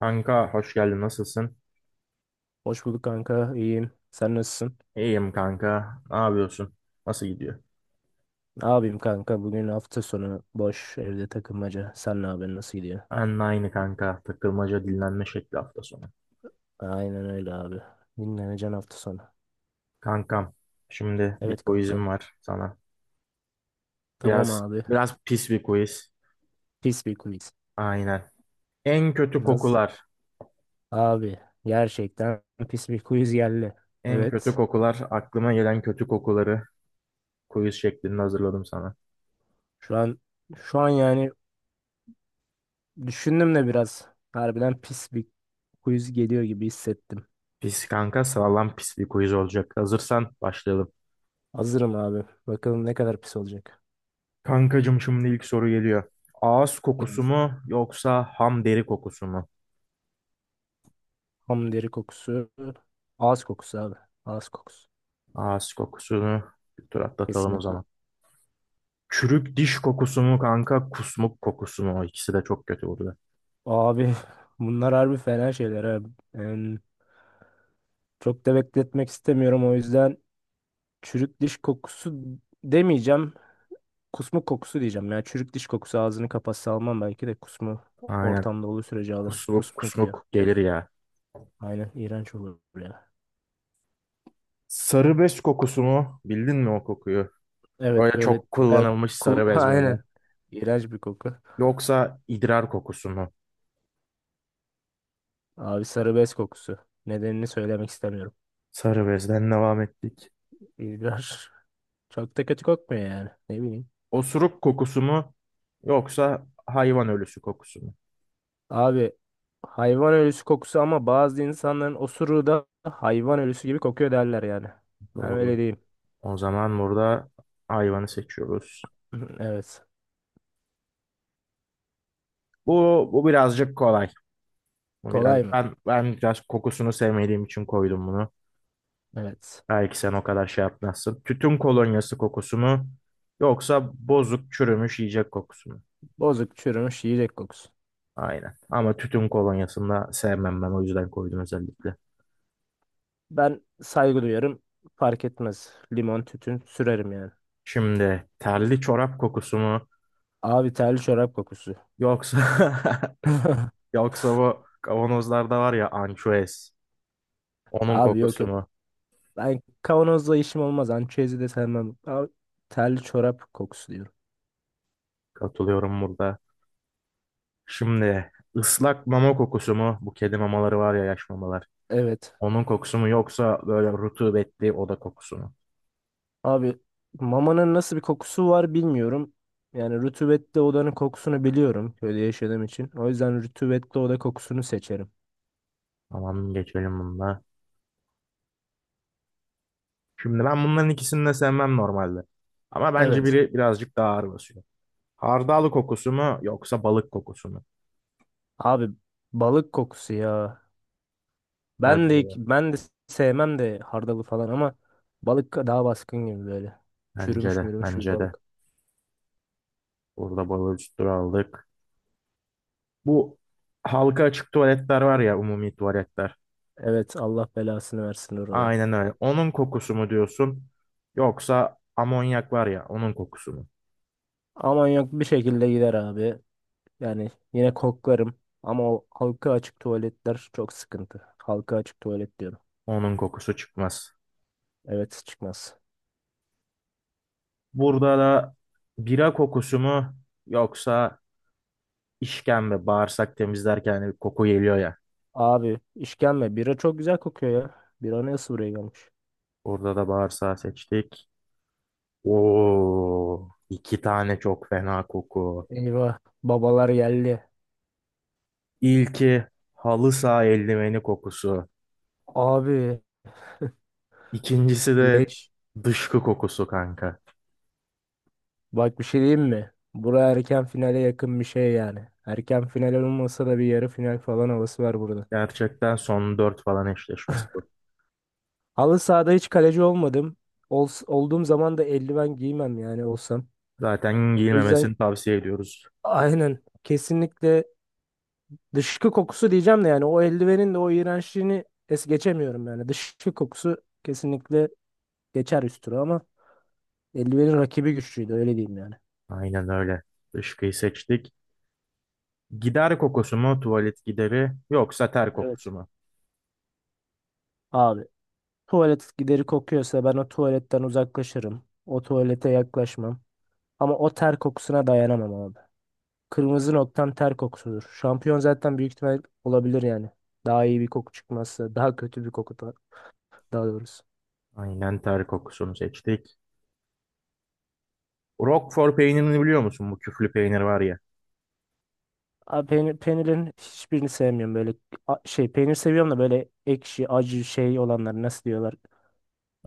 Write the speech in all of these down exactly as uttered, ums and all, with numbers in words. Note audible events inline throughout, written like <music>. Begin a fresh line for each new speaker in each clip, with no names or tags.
Kanka hoş geldin nasılsın?
Hoş bulduk kanka. İyiyim Sen nasılsın?
İyiyim kanka. Ne yapıyorsun? Nasıl gidiyor?
Ne yapayım kanka? Bugün hafta sonu boş evde takılmaca. Sen ne yapıyorsun? Nasıl gidiyor?
Ben de aynı kanka. Takılmaca dinlenme şekli hafta sonu.
Aynen öyle abi. Dinleneceksin hafta sonu.
Kankam şimdi bir
Evet
quizim
kankam.
var sana.
Tamam
Biraz
abi.
biraz pis bir quiz.
Pis bir quiz.
Aynen. En kötü
Nasıl?
kokular.
Abi gerçekten pis bir quiz geldi.
En kötü
Evet.
kokular. Aklıma gelen kötü kokuları quiz şeklinde hazırladım sana.
Şu an şu an yani düşündüm de biraz. Harbiden pis bir quiz geliyor gibi hissettim.
Pis kanka sağlam pis bir quiz olacak. Hazırsan başlayalım.
Hazırım abi. Bakalım ne kadar pis olacak.
Kankacım şimdi ilk soru geliyor. Ağız
Gel.
kokusu mu yoksa ham deri kokusu mu?
Ham deri kokusu. Ağız kokusu abi. Ağız kokusu.
Ağız kokusunu bir tur atlatalım o
Kesinlikle.
zaman. Çürük diş kokusu mu kanka, kusmuk kokusu mu? O İkisi de çok kötü burada.
Abi <laughs> bunlar harbi fena şeyler abi. Yani çok da bekletmek istemiyorum, o yüzden çürük diş kokusu demeyeceğim. Kusmuk kokusu diyeceğim. Yani çürük diş kokusu ağzını kapatsa almam, belki de kusmu
Aynen.
ortamda olduğu sürece alırım.
Kusmuk
Kusmuk diyor.
kusmuk gelir ya.
Aynen, iğrenç olur ya.
Sarı bez kokusu mu? Bildin mi o kokuyu?
Evet
Böyle
böyle
çok
bayağı
kullanılmış
ku
sarı
<laughs>
bez
aynen.
böyle.
İğrenç bir koku.
Yoksa idrar kokusu mu?
Abi sarı bez kokusu. Nedenini söylemek istemiyorum.
Sarı bezden devam ettik.
İğrenç. Çok da kötü kokmuyor yani. Ne bileyim.
Osuruk kokusu mu? Yoksa hayvan ölüsü kokusu mu?
Abi hayvan ölüsü kokusu, ama bazı insanların osuruğu da hayvan ölüsü gibi kokuyor derler yani. Ben öyle
Doğru.
diyeyim. <clears throat>
O zaman burada hayvanı seçiyoruz.
<laughs> Evet.
Bu, bu birazcık kolay. Bu biraz
Kolay mı?
ben ben biraz kokusunu sevmediğim için koydum bunu.
Evet.
Belki sen o kadar şey yapmazsın. Tütün kolonyası kokusu mu yoksa bozuk çürümüş yiyecek kokusu mu?
Bozuk çürümüş yiyecek kokusu.
Aynen. Ama tütün kolonyasını da sevmem ben o yüzden koydum özellikle.
Ben saygı duyarım. Fark etmez. Limon tütün sürerim yani.
Şimdi terli çorap kokusu mu
Abi terli çorap kokusu.
yoksa
<laughs>
<laughs> yoksa bu kavanozlarda var ya ançuez onun
Abi yok
kokusu
yok.
mu?
Ben kavanozla işim olmaz. Ançezi de sevmem. Abi, terli çorap kokusu diyorum.
Katılıyorum burada. Şimdi ıslak mama kokusu mu? Bu kedi mamaları var ya yaş mamalar.
Evet.
Onun kokusu mu yoksa böyle rutubetli oda kokusu mu?
Abi mamanın nasıl bir kokusu var bilmiyorum. Yani rutubetli odanın kokusunu biliyorum köyde yaşadığım için. O yüzden rutubetli oda kokusunu seçerim.
Tamam geçelim bununla. Şimdi ben bunların ikisini de sevmem normalde. Ama bence
Evet.
biri birazcık daha ağır basıyor. Hardal kokusu mu yoksa balık kokusu mu?
Abi balık kokusu ya. Ben
Bence
de
de.
ben de sevmem de hardalı falan ama balık daha baskın gibi böyle.
Bence
Çürümüş
de.
mürümüş bir
Bence de.
balık.
Burada balığı üstüne aldık. Bu halka açık tuvaletler var ya umumi tuvaletler.
Evet, Allah belasını versin oraları.
Aynen öyle. Onun kokusu mu diyorsun? Yoksa amonyak var ya onun kokusu mu?
Aman, yok bir şekilde gider abi. Yani yine koklarım ama o halka açık tuvaletler çok sıkıntı. Halka açık tuvalet diyorum.
Onun kokusu çıkmaz.
Evet, çıkmaz.
Burada da bira kokusu mu yoksa işkembe bağırsak temizlerken bir koku geliyor ya.
Abi işkembe. Bira çok güzel kokuyor ya. Bira nasıl buraya gelmiş?
Burada da bağırsağı seçtik. Oo, iki tane çok fena koku.
Eyvah. Babalar geldi.
İlki halı saha eldiveni kokusu.
Abi
İkincisi de
leş.
dışkı kokusu kanka.
Bak bir şey diyeyim mi? Bura erken finale yakın bir şey yani. Erken final olmasa da bir yarı final falan havası var burada.
Gerçekten son dört falan eşleşmesi bu.
Halı sahada hiç kaleci olmadım. Ol, olduğum zaman da eldiven giymem, yani olsam.
Zaten
O yüzden
giyilmemesini tavsiye ediyoruz.
aynen kesinlikle dışkı kokusu diyeceğim de, yani o eldivenin de o iğrençliğini es geçemiyorum yani. Dışkı kokusu kesinlikle geçer üstüne ama eldivenin rakibi güçlüydü, öyle diyeyim yani.
Aynen öyle. Dışkıyı seçtik. Gider kokusu mu tuvalet gideri yoksa ter kokusu
Evet.
mu?
Abi tuvalet gideri kokuyorsa ben o tuvaletten uzaklaşırım. O tuvalete yaklaşmam. Ama o ter kokusuna dayanamam abi. Kırmızı noktam ter kokusudur. Şampiyon zaten büyük ihtimal olabilir yani. Daha iyi bir koku çıkmazsa daha kötü bir koku da, daha doğrusu.
Aynen ter kokusunu seçtik. Roquefort peynirini biliyor musun? Bu küflü peynir var ya.
Abi peynir, peynirin hiçbirini sevmiyorum böyle a- şey, peynir seviyorum da böyle ekşi acı şey olanları, nasıl diyorlar.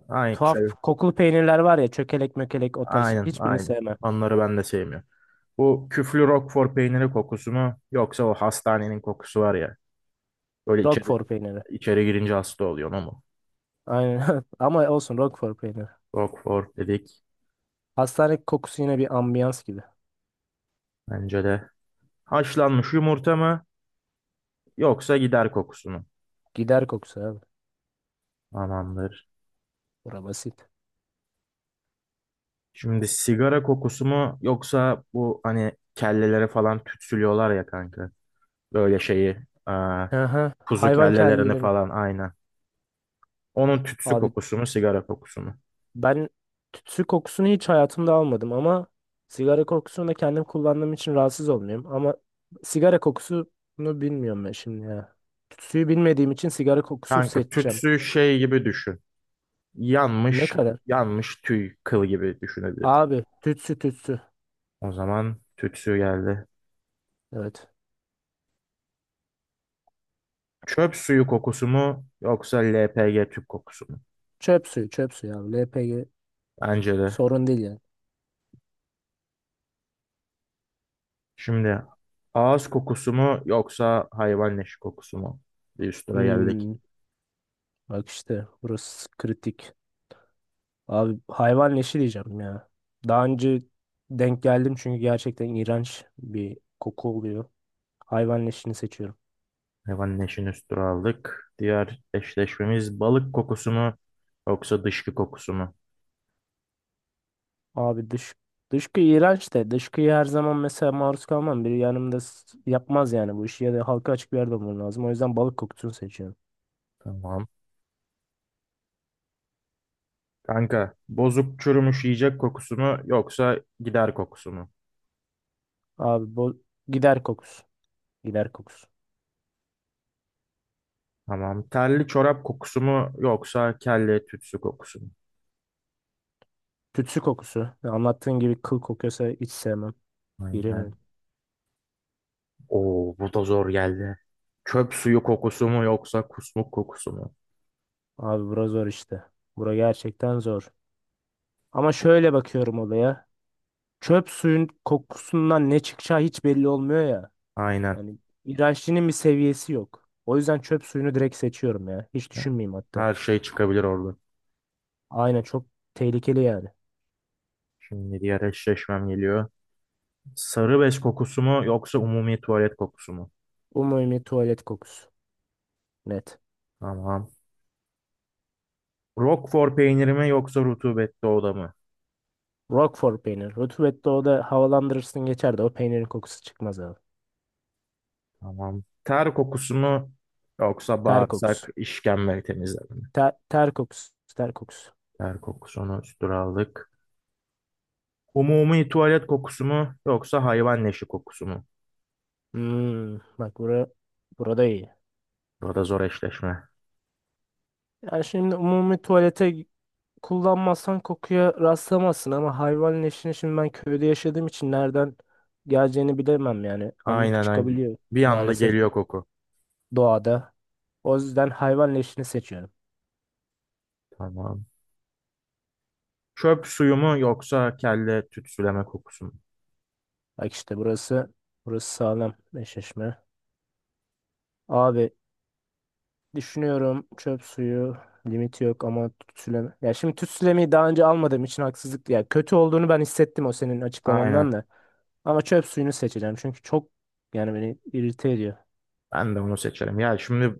Aynı
Tuhaf
şey.
kokulu peynirler var ya, çökelek mökelek, o tarz
Aynen
hiçbirini
aynen.
sevmem.
Onları ben de sevmiyorum. Bu küflü Roquefort peyniri kokusu mu? Yoksa o hastanenin kokusu var ya. Böyle içeri,
Roquefort peyniri.
içeri girince hasta oluyor mu?
Aynen. <laughs> Ama olsun, Roquefort peyniri.
Roquefort dedik.
Hastane kokusu yine bir ambiyans gibi.
Bence de. Haşlanmış yumurta mı? Yoksa gider kokusu mu?
Gider kokusu abi.
Tamamdır.
Bura basit.
Şimdi sigara kokusu mu? Yoksa bu hani kellelere falan tütsülüyorlar ya kanka. Böyle şeyi e,
Aha,
kuzu
hayvan
kellelerini
kellelerin.
falan aynen. Onun tütsü
Abi
kokusunu, sigara kokusunu.
ben tütsü kokusunu hiç hayatımda almadım ama sigara kokusunu da kendim kullandığım için rahatsız olmuyorum. Ama sigara kokusunu bilmiyorum ben şimdi ya. Tütsüyü bilmediğim için sigara kokusu
Kanka
seçeceğim.
tütsü şey gibi düşün.
Ne
Yanmış,
kadar?
yanmış tüy kıl gibi düşünebiliriz.
Abi tütsü tütsü.
O zaman tütsü geldi.
Evet.
Çöp suyu kokusu mu yoksa L P G tüp kokusu mu?
Çöp suyu çöp suyu abi. L P G
Bence de.
sorun değil yani.
Şimdi ağız kokusu mu yoksa hayvan leşi kokusu mu? Bir üst tura geldik.
Hmm, bak işte burası kritik. Abi hayvan leşi diyeceğim ya. Daha önce denk geldim, çünkü gerçekten iğrenç bir koku oluyor. Hayvan leşini seçiyorum.
Hayvan leşini üst tura aldık. Diğer eşleşmemiz balık kokusu mu yoksa dışkı kokusu mu?
Abi dış dışkı iğrenç de dışkıyı her zaman mesela maruz kalmam. Biri yanımda s- yapmaz yani bu işi, ya da halka açık bir yerde olman lazım. O yüzden balık kokusunu seçiyorum.
Tamam. Kanka bozuk çürümüş yiyecek kokusu mu yoksa gider kokusu mu?
Abi bu gider kokusu. Gider kokusu.
Tamam. Terli çorap kokusu mu yoksa kelle tütsü kokusu mu?
Tütsü kokusu. Ya anlattığın gibi kıl kokuyorsa hiç sevmem.
Aynen.
İğrenirim.
Oo bu da zor geldi. Çöp suyu kokusu mu yoksa kusmuk kokusu mu?
Abi bura zor işte. Bura gerçekten zor. Ama şöyle bakıyorum olaya. Çöp suyun kokusundan ne çıkacağı hiç belli olmuyor ya.
Aynen.
Yani iğrençliğinin bir seviyesi yok. O yüzden çöp suyunu direkt seçiyorum ya. Hiç düşünmeyeyim hatta.
Her şey çıkabilir orada.
Aynen, çok tehlikeli yani.
Şimdi diğer eşleşmem geliyor. Sarı bez kokusu mu yoksa umumi tuvalet kokusu mu?
Umumi tuvalet kokusu. Net.
Tamam. Roquefort peyniri mi yoksa rutubetli oda mı?
Roquefort peynir. Rutubette o da, havalandırırsın geçer, de o peynirin kokusu çıkmaz abi.
Tamam. Ter kokusu mu yoksa
Ter kokusu.
bağırsak işkembe temizleme mi?
Ter, ter kokusu. Ter kokusu.
Ter kokusunu üstüne aldık. Umumi tuvalet kokusu mu yoksa hayvan leşi kokusu mu?
Hmm, bak bura, burada iyi.
Burada zor eşleşme.
Yani şimdi umumi tuvalete kullanmazsan kokuya rastlamazsın ama hayvan leşini şimdi ben köyde yaşadığım için nereden geleceğini bilemem yani. Anlık
Aynen aynen.
çıkabiliyor
Bir anda
maalesef
geliyor koku.
doğada. O yüzden hayvan leşini seçiyorum.
Tamam. Çöp suyu mu yoksa kelle tütsüleme kokusu mu?
Bak işte burası burası sağlam eşleşme. Abi düşünüyorum, çöp suyu limiti yok ama tütsüleme. Ya şimdi tütsülemeyi daha önce almadığım için haksızlık, ya kötü olduğunu ben hissettim o senin açıklamandan
Aynen.
da. Ama çöp suyunu seçeceğim çünkü çok, yani beni irite ediyor.
Ben de onu seçerim. Ya şimdi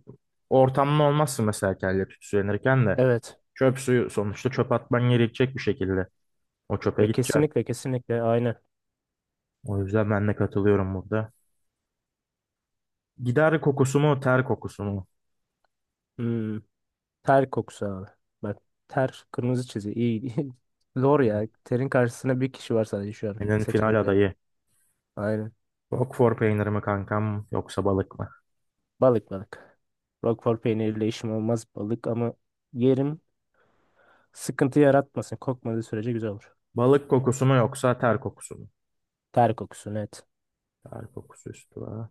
ortamda olmazsın mesela kelle tütsülenirken de.
Evet.
Çöp suyu sonuçta çöp atman gerekecek bir şekilde. O çöpe
Ya
gideceksin.
kesinlikle kesinlikle aynı.
O yüzden ben de katılıyorum burada. Gider kokusu mu, ter kokusu mu?
Hmm, ter kokusu abi. Bak, ter kırmızı çizgi, iyi. İyi. <laughs> Zor ya. Terin karşısında bir kişi var sadece şu an
Senin final
seçeneklerde.
adayı.
Aynen.
Roquefort peyniri mi kankam yoksa balık mı?
Balık balık. Roquefort peyniriyle işim olmaz, balık ama yerim, sıkıntı yaratmasın. Kokmadığı sürece güzel olur.
Balık kokusu mu yoksa ter kokusu mu?
Ter kokusu net.
Ter kokusu üstü var.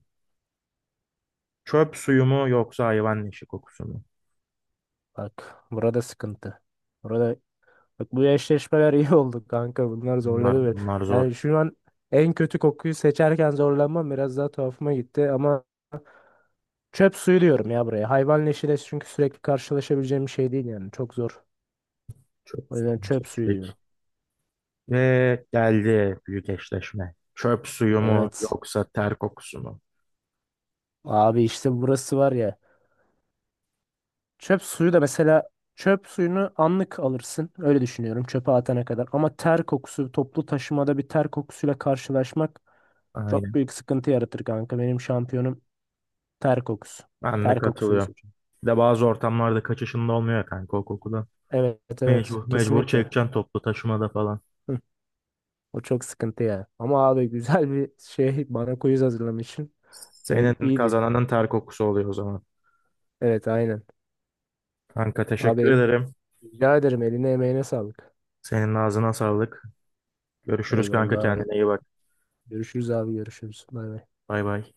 Çöp suyu mu yoksa hayvan leşi kokusu mu?
Bak burada sıkıntı. Burada bak bu eşleşmeler <laughs> iyi oldu kanka. Bunlar
Bunlar,
zorladı beni.
bunlar zor.
Yani şu an en kötü kokuyu seçerken zorlanmam biraz daha tuhafıma gitti ama çöp suyu diyorum ya buraya. Hayvan leşiyle, çünkü sürekli karşılaşabileceğim bir şey değil yani. Çok zor.
Çöp
O yüzden
suyunu
çöp suyu
seçtik.
diyorum.
Ve geldi büyük eşleşme. Çöp suyu mu
Evet.
yoksa ter kokusu mu?
Abi işte burası var ya. Çöp suyu da mesela, çöp suyunu anlık alırsın. Öyle düşünüyorum, çöpe atana kadar. Ama ter kokusu, toplu taşımada bir ter kokusuyla karşılaşmak çok
Aynen.
büyük sıkıntı yaratır kanka. Benim şampiyonum ter kokusu.
Ben de
Ter kokusunu
katılıyorum.
seçiyorum.
Bir de bazı ortamlarda kaçışında olmuyor ya kanka o kokudan.
Evet, evet,
Mecbur, mecbur
kesinlikle.
çekeceksin toplu taşımada falan.
Hı, o çok sıkıntı ya. Ama abi güzel bir şey, bana quiz hazırlamışsın. Hani
Senin
iyiydi.
kazananın ter kokusu oluyor o zaman.
Evet, aynen.
Kanka teşekkür
Abi
ederim.
rica ederim, eline emeğine sağlık.
Senin ağzına sağlık. Görüşürüz kanka
Eyvallah abi.
kendine iyi bak.
Görüşürüz abi, görüşürüz. Bay bay.
Bay bay.